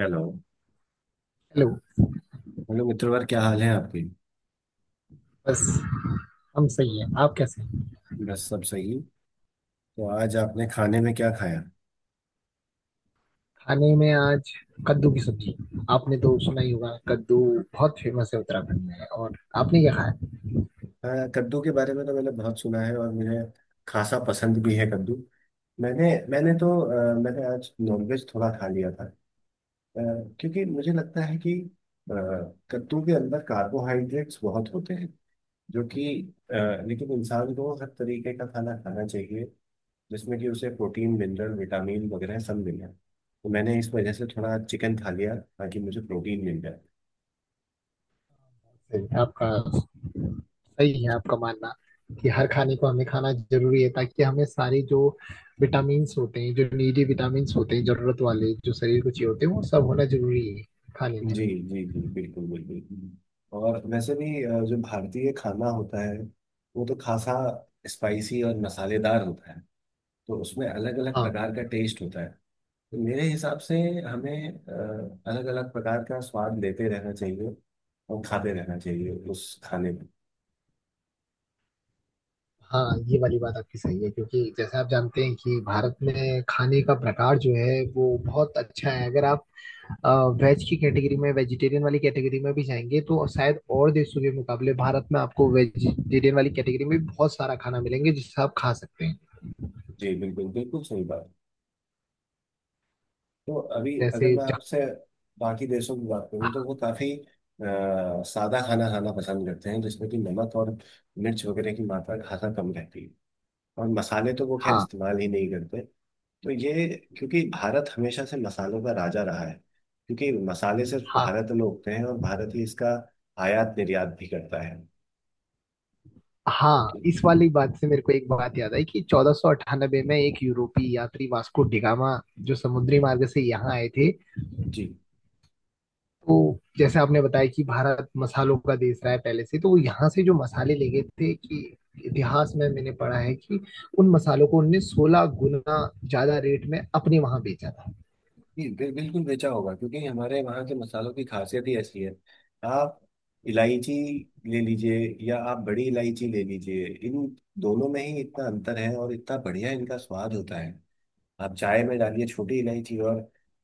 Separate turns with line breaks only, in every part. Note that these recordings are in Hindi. हेलो।
हेलो।
हेलो मित्रवर, क्या हाल है आपके?
बस हम सही है। आप कैसे हैं?
बस सब सही। तो आज आपने खाने में क्या खाया?
खाने में आज कद्दू की सब्जी। आपने तो सुना ही होगा, कद्दू बहुत फेमस है उत्तराखंड में। और आपने क्या खाया?
हाँ, कद्दू के बारे में तो मैंने बहुत सुना है और मुझे खासा पसंद भी है कद्दू। मैंने मैंने तो मैंने आज नॉनवेज थोड़ा खा लिया था। अ, क्योंकि मुझे लगता है कि अ, कद्दू के अंदर कार्बोहाइड्रेट्स बहुत होते हैं जो कि अ, लेकिन इंसान को हर तरीके का खाना खाना चाहिए, जिसमें कि उसे प्रोटीन, मिनरल, विटामिन वगैरह सब मिल रहा है। तो मैंने इस वजह से थोड़ा चिकन खा लिया ताकि मुझे प्रोटीन मिल जाए।
सही, आपका सही है आपका मानना कि हर खाने को हमें खाना जरूरी है, ताकि हमें सारे जो विटामिन्स होते हैं, जो नीडी विटामिन्स होते हैं, जरूरत वाले जो शरीर को चाहिए होते हैं, वो सब होना जरूरी है खाने
जी
में।
जी जी, बिल्कुल बिल्कुल। और वैसे भी जो भारतीय खाना होता है वो तो खासा स्पाइसी और मसालेदार होता है। तो उसमें अलग अलग
हाँ।
प्रकार का टेस्ट होता है। तो मेरे हिसाब से हमें अलग अलग प्रकार का स्वाद लेते रहना चाहिए और खाते रहना चाहिए उस खाने में।
हाँ, ये वाली बात आपकी सही है, क्योंकि जैसे आप जानते हैं कि भारत में खाने का प्रकार जो है वो बहुत अच्छा है। अगर आप वेज की कैटेगरी में, वेजिटेरियन वाली कैटेगरी में भी जाएंगे तो शायद और देशों के मुकाबले भारत में आपको वेजिटेरियन वाली कैटेगरी में भी बहुत सारा खाना मिलेंगे जिससे आप खा सकते हैं।
जी बिल्कुल, बिल्कुल सही बात। तो अभी अगर
जैसे
मैं
ज-
आपसे बाकी देशों की बात करूँ तो वो काफी सादा खाना खाना पसंद करते हैं, जिसमें कि नमक और मिर्च वगैरह की मात्रा खासा कम रहती है। और मसाले तो वो खैर
हाँ।
इस्तेमाल ही नहीं करते। तो ये क्योंकि भारत हमेशा से मसालों का राजा रहा है, क्योंकि मसाले सिर्फ
हाँ।
भारत में उगते हैं और भारत ही इसका आयात निर्यात भी करता है।
हाँ,
तो-
इस वाली बात से मेरे को एक बात याद आई कि 1498 में एक यूरोपीय यात्री वास्को डिगामा जो समुद्री मार्ग से यहाँ आए थे।
जी।
तो जैसे आपने बताया कि भारत मसालों का देश रहा है पहले से, तो वो यहाँ से जो मसाले ले गए थे, कि इतिहास में मैंने पढ़ा है कि उन मसालों को उनने 16 गुना ज्यादा रेट में अपने वहां बेचा था।
बिल्कुल बेचा होगा, क्योंकि हमारे वहाँ के मसालों की खासियत ही ऐसी है। आप इलायची ले लीजिए या आप बड़ी इलायची ले लीजिए, इन दोनों में ही इतना अंतर है और इतना बढ़िया इनका स्वाद होता है। आप चाय में डालिए छोटी इलायची, और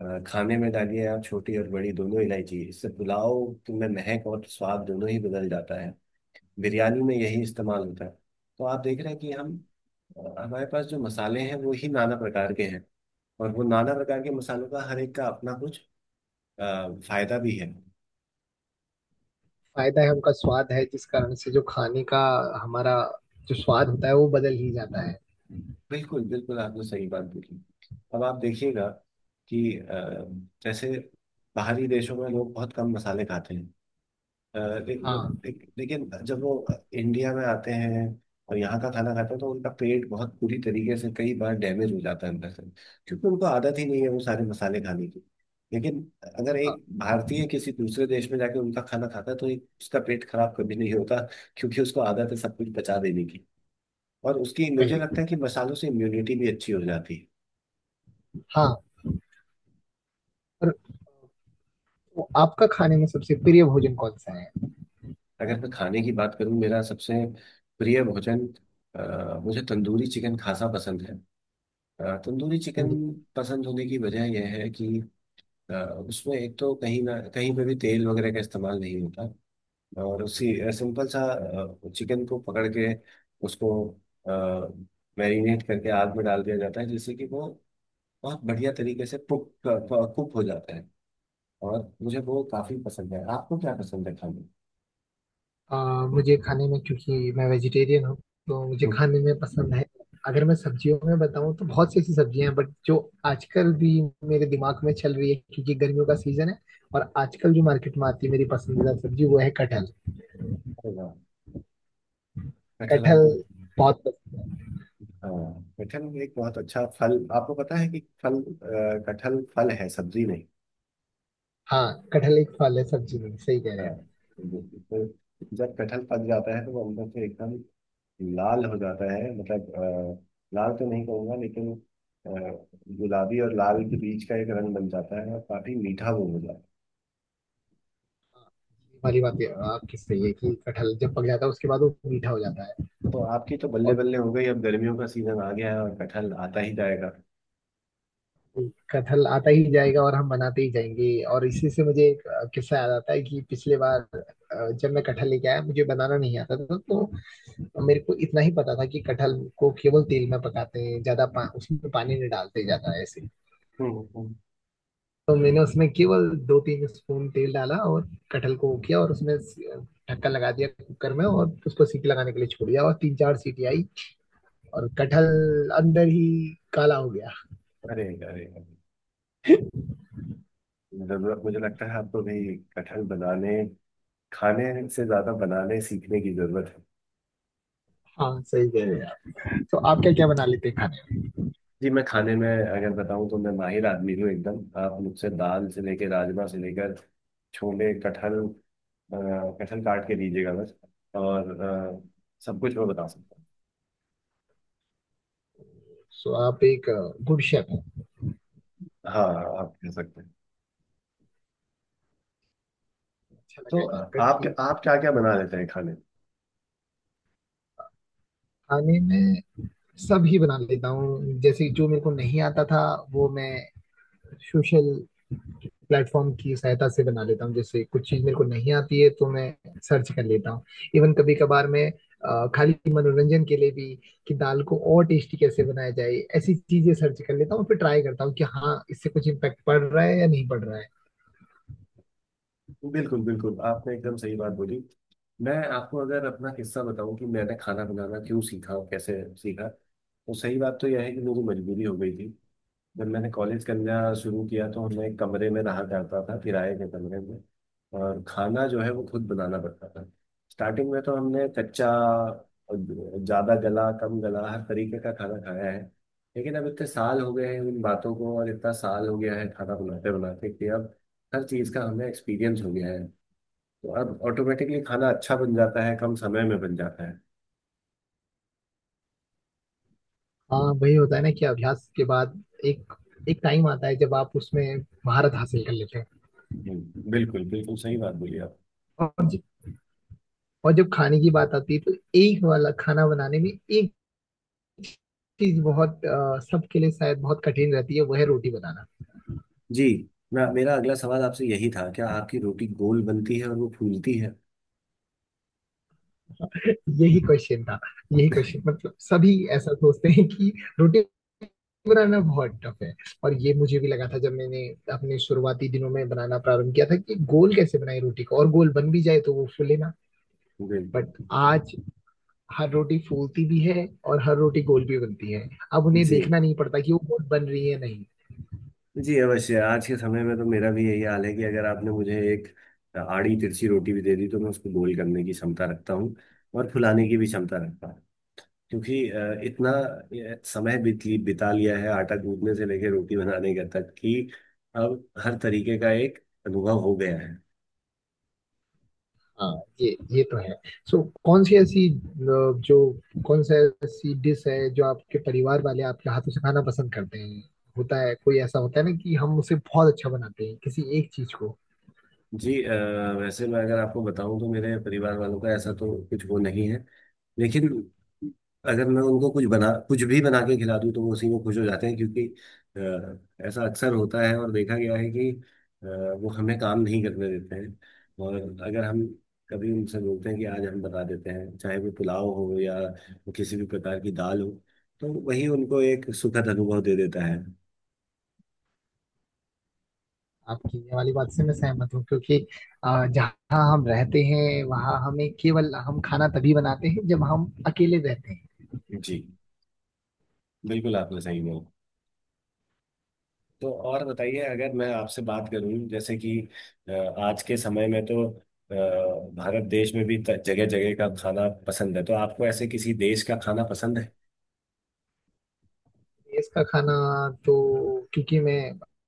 खाने में डालिए आप छोटी और बड़ी दोनों इलायची, इससे पुलाव में महक और स्वाद दोनों ही बदल जाता है। बिरयानी में यही इस्तेमाल होता है। तो आप देख रहे हैं कि हम हमारे पास जो मसाले हैं वो ही नाना प्रकार के हैं। और वो नाना प्रकार के मसालों का हर एक का अपना कुछ अ, फायदा भी है।
फायदा है, उनका स्वाद है, जिस कारण से जो खाने का हमारा जो स्वाद होता है वो बदल ही जाता है।
बिल्कुल बिल्कुल, आपने सही बात बोली। अब आप देखिएगा कि जैसे बाहरी देशों में लोग बहुत कम मसाले खाते हैं। अ, ले-
हाँ।
ले- लेकिन जब वो इंडिया में आते हैं और यहाँ का खाना खाते हैं तो उनका पेट बहुत बुरी तरीके से कई बार डैमेज हो जाता है अंदर से, क्योंकि उनको आदत ही नहीं है वो सारे मसाले खाने की। लेकिन अगर
हाँ।
एक भारतीय किसी दूसरे देश में जाके उनका खाना खाता है तो एक उसका पेट खराब कभी नहीं होता, क्योंकि उसको आदत है सब कुछ पचा देने की। और उसकी, मुझे
वही।
लगता है कि मसालों से इम्यूनिटी भी अच्छी हो जाती है।
हाँ। और तो आपका खाने में सबसे प्रिय भोजन कौन सा
अगर मैं खाने की बात करूँ, मेरा सबसे प्रिय भोजन, मुझे तंदूरी चिकन खासा पसंद है। तंदूरी
है?
चिकन पसंद होने की वजह यह है कि अ, उसमें एक तो कहीं ना कहीं पे भी तेल वगैरह का इस्तेमाल नहीं होता। और उसी सिंपल सा चिकन को पकड़ के उसको मैरिनेट करके आग में डाल दिया जाता है, जिससे कि वो बहुत बढ़िया तरीके से कुक कुक हो जाता है। और मुझे वो काफी पसंद है। आपको क्या पसंद है खाने में?
मुझे खाने में, क्योंकि मैं वेजिटेरियन हूँ, तो मुझे
हम्म।
खाने में पसंद है। अगर मैं सब्जियों में बताऊँ तो बहुत सी ऐसी सब्जियां हैं, बट जो आजकल भी मेरे दिमाग में चल रही है क्योंकि गर्मियों का सीजन है, और आजकल जो मार्केट में आती है मेरी पसंदीदा सब्जी, वो है कटहल।
अरे वाह, कटहल
कटहल
आपको?
बहुत पसंद।
हाँ कटहल में एक बहुत अच्छा फल, आपको पता है कि फल, कटहल फल है सब्जी नहीं।
हाँ, कटहल एक फल है, सब्जी नहीं। सही कह रहे
हाँ।
हैं आप।
तो जब कटहल पक जाता है तो वो अंदर से एकदम लाल हो जाता है, मतलब लाल तो नहीं कहूँगा लेकिन अ, गुलाबी और लाल के बीच का एक रंग बन जाता है और काफी मीठा वो हो जाता है।
आपकी सही है कि कटहल जब पक जाता है उसके बाद वो मीठा हो जाता है।
तो आपकी तो बल्ले
और
बल्ले हो गई, अब गर्मियों का सीजन आ गया है और कटहल आता ही जाएगा।
कथल आता ही जाएगा और हम बनाते ही जाएंगे। और इसी से मुझे एक किस्सा याद आता है कि पिछले बार जब मैं कटहल लेके आया मुझे बनाना नहीं आता था, तो मेरे को इतना ही पता था कि कटहल को केवल तेल में पकाते हैं ज्यादा, उसमें पानी नहीं डालते ज्यादा ऐसे।
हम्म हम्म।
तो मैंने उसमें केवल दो तीन स्पून तेल डाला और कटहल को वो किया, और उसमें ढक्कन लगा दिया कुकर में, और उसको सीटी लगाने के लिए छोड़ दिया, और तीन चार सीटी आई और कटहल अंदर ही काला हो गया।
अरे अरे अरे, जरूरत, मुझे लगता है आपको भी कटहल बनाने, खाने से ज़्यादा बनाने सीखने की ज़रूरत है।
हाँ, सही कह रहे हैं आप। तो आप क्या क्या बना लेते हैं खाने में?
जी मैं खाने में अगर बताऊं तो मैं माहिर आदमी हूँ एकदम। आप मुझसे दाल से लेकर, राजमा से लेकर, छोले, कटहल, कटहल काट के दीजिएगा बस, और सब कुछ मैं बता सकता
सो आप एक गुड शेफ हैं।
हूँ। हाँ, आप कह सकते हैं।
अच्छा
तो
लगा ये जानकर
आप
कि
आप क्या क्या बना लेते हैं खाने में?
खाने में सब ही बना लेता हूँ। जैसे जो मेरे को नहीं आता था वो मैं सोशल प्लेटफॉर्म की सहायता से बना लेता हूँ। जैसे कुछ चीज मेरे को नहीं आती है तो मैं सर्च कर लेता हूँ। इवन कभी कभार मैं खाली मनोरंजन के लिए भी, कि दाल को और टेस्टी कैसे बनाया जाए, ऐसी चीजें सर्च कर लेता हूँ, फिर ट्राई करता हूँ कि हाँ, इससे कुछ इम्पेक्ट पड़ रहा है या नहीं पड़ रहा है।
बिल्कुल बिल्कुल, आपने एकदम सही बात बोली। मैं आपको अगर अपना किस्सा बताऊं कि मैंने खाना बनाना क्यों सीखा और कैसे सीखा, तो सही बात तो यह है कि मेरी मजबूरी हो गई थी। जब मैंने कॉलेज करना शुरू किया तो मैं एक कमरे में रहा करता था, किराए के कमरे में। और खाना जो है वो खुद बनाना पड़ता था। स्टार्टिंग में तो हमने कच्चा, ज़्यादा गला, कम गला, हर तरीके का खाना खाया है। लेकिन अब इतने साल हो गए हैं उन बातों को, और इतना साल हो गया है खाना बनाते बनाते, कि अब हर चीज़ का हमें एक्सपीरियंस हो गया है। तो अब ऑटोमेटिकली खाना अच्छा बन जाता है, कम समय में बन जाता है।
हाँ वही होता है ना कि अभ्यास के बाद एक एक टाइम आता है जब आप उसमें महारत हासिल कर लेते हैं।
बिल्कुल बिल्कुल सही बात बोली आप।
और ज- और जब खाने की बात आती है तो एक वाला खाना बनाने में एक चीज बहुत, सबके लिए शायद बहुत कठिन रहती है, वो है रोटी बनाना।
जी ना, मेरा अगला सवाल आपसे यही था, क्या आपकी रोटी गोल बनती है और वो फूलती है?
यही क्वेश्चन था। यही क्वेश्चन, मतलब सभी ऐसा सोचते हैं कि रोटी बनाना बहुत टफ है। और ये मुझे भी लगा था जब मैंने अपने शुरुआती दिनों में बनाना प्रारंभ किया था, कि गोल कैसे बनाए रोटी को, और गोल बन भी जाए तो वो फूले ना।
बिल्कुल।
बट आज हर रोटी फूलती भी है और हर रोटी गोल भी बनती है। अब उन्हें
जी
देखना नहीं पड़ता कि वो गोल बन रही है नहीं।
जी अवश्य, आज के समय में तो मेरा भी यही हाल है कि अगर आपने मुझे एक आड़ी तिरछी रोटी भी दे दी तो मैं उसको गोल करने की क्षमता रखता हूँ और फुलाने की भी क्षमता रखता हूँ। क्योंकि इतना बिता लिया है आटा गूंदने से लेकर रोटी बनाने का तक कि अब हर तरीके का एक अनुभव हो गया है।
हाँ, ये तो है। सो, कौन सी ऐसी जो कौन सा ऐसी डिश है जो आपके परिवार वाले आपके हाथों से खाना पसंद करते हैं? होता है कोई ऐसा होता है ना कि हम उसे बहुत अच्छा बनाते हैं किसी एक चीज को।
जी वैसे मैं अगर आपको बताऊं तो मेरे परिवार वालों का ऐसा तो कुछ वो नहीं है। लेकिन अगर मैं उनको कुछ बना, कुछ भी बना के खिला दूं तो वो उसी में खुश हो जाते हैं, क्योंकि ऐसा अक्सर होता है और देखा गया है कि वो हमें काम नहीं करने देते हैं। और अगर हम कभी उनसे बोलते हैं कि आज हम बना देते हैं, चाहे वो पुलाव हो या वो किसी भी प्रकार की दाल हो, तो वही उनको एक सुखद अनुभव दे देता है।
आपकी ये वाली बात से मैं सहमत हूँ, क्योंकि जहाँ हम रहते हैं वहाँ हमें केवल, हम खाना तभी बनाते हैं जब हम अकेले रहते हैं।
जी बिल्कुल, आपने सही बोला। तो और बताइए, अगर मैं आपसे बात करूं जैसे कि अ, आज के समय में तो अ, भारत देश में भी जगह जगह का खाना पसंद है, तो आपको ऐसे किसी देश का खाना पसंद है?
देश का खाना, तो क्योंकि मैं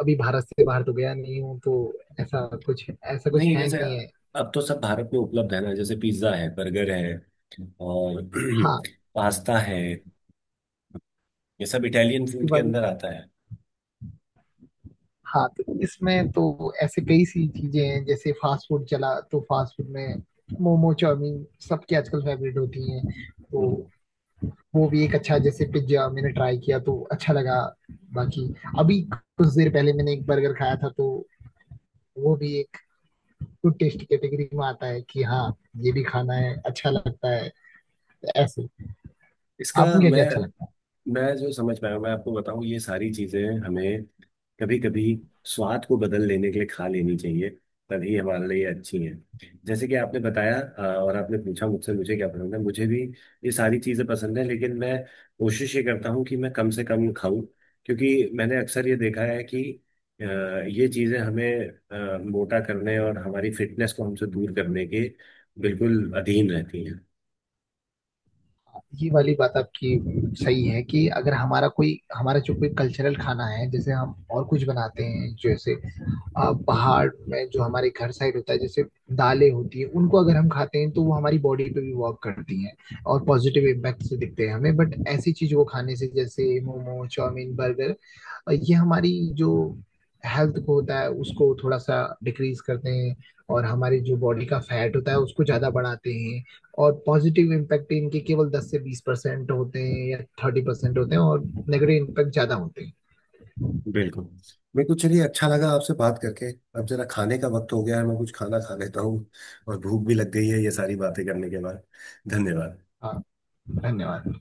अभी भारत से बाहर तो गया नहीं हूँ, तो ऐसा कुछ, ऐसा कुछ
नहीं,
है
जैसे
नहीं है।
अब तो सब भारत में उपलब्ध है ना, जैसे पिज्ज़ा है, बर्गर है, और
हाँ।
पास्ता है। ये सब इटालियन फूड के
दिवाली।
अंदर आता है।
हाँ, तो इसमें तो ऐसे कई सी चीजें हैं, जैसे फास्ट फूड चला तो फास्ट फूड में मोमो चाउमीन सबकी आजकल फेवरेट होती हैं, तो
हम्म।
वो भी एक अच्छा। जैसे पिज्जा मैंने ट्राई किया तो अच्छा लगा। बाकी अभी कुछ देर पहले मैंने एक बर्गर खाया था, तो वो भी एक गुड टेस्ट कैटेगरी में आता है, कि हाँ, ये भी खाना है, अच्छा लगता है ऐसे।
इसका,
आपको क्या
मैं
क्या अच्छा लगता है?
मैं जो समझ पाया हूँ, मैं आपको बताऊं, ये सारी चीजें हमें कभी कभी स्वाद को बदल लेने के लिए खा लेनी चाहिए, तभी हमारे लिए अच्छी है। जैसे कि आपने बताया और आपने पूछा मुझसे मुझे क्या पसंद है, मुझे भी ये सारी चीजें पसंद है। लेकिन मैं कोशिश ये करता हूँ कि मैं कम से कम खाऊं, क्योंकि मैंने अक्सर ये देखा है कि अ, ये चीजें हमें मोटा करने और हमारी फिटनेस को हमसे दूर करने के बिल्कुल अधीन रहती हैं।
ये वाली बात आपकी सही है, कि अगर हमारा कोई, हमारा जो कोई कल्चरल खाना है, जैसे हम और कुछ बनाते हैं जैसे पहाड़ में जो हमारे घर साइड होता है जैसे दालें होती है, उनको अगर हम खाते हैं तो वो हमारी बॉडी पे भी वर्क करती हैं और पॉजिटिव इम्पैक्ट से दिखते हैं हमें। बट ऐसी चीजों को खाने से, जैसे मोमो चाउमीन बर्गर, ये हमारी जो हेल्थ को होता है उसको थोड़ा सा डिक्रीज करते हैं, और हमारी जो बॉडी का फैट होता है उसको ज्यादा बढ़ाते हैं। और पॉजिटिव इम्पैक्ट इनके केवल 10 से 20% होते हैं या 30% होते हैं, और नेगेटिव इम्पैक्ट ज्यादा होते हैं।
बिल्कुल। मेरे को चलिए अच्छा लगा आपसे बात करके। अब जरा खाने का वक्त हो गया है, मैं कुछ खाना खा लेता हूँ। और भूख भी लग गई है ये सारी बातें करने के बाद। धन्यवाद।
हाँ, धन्यवाद।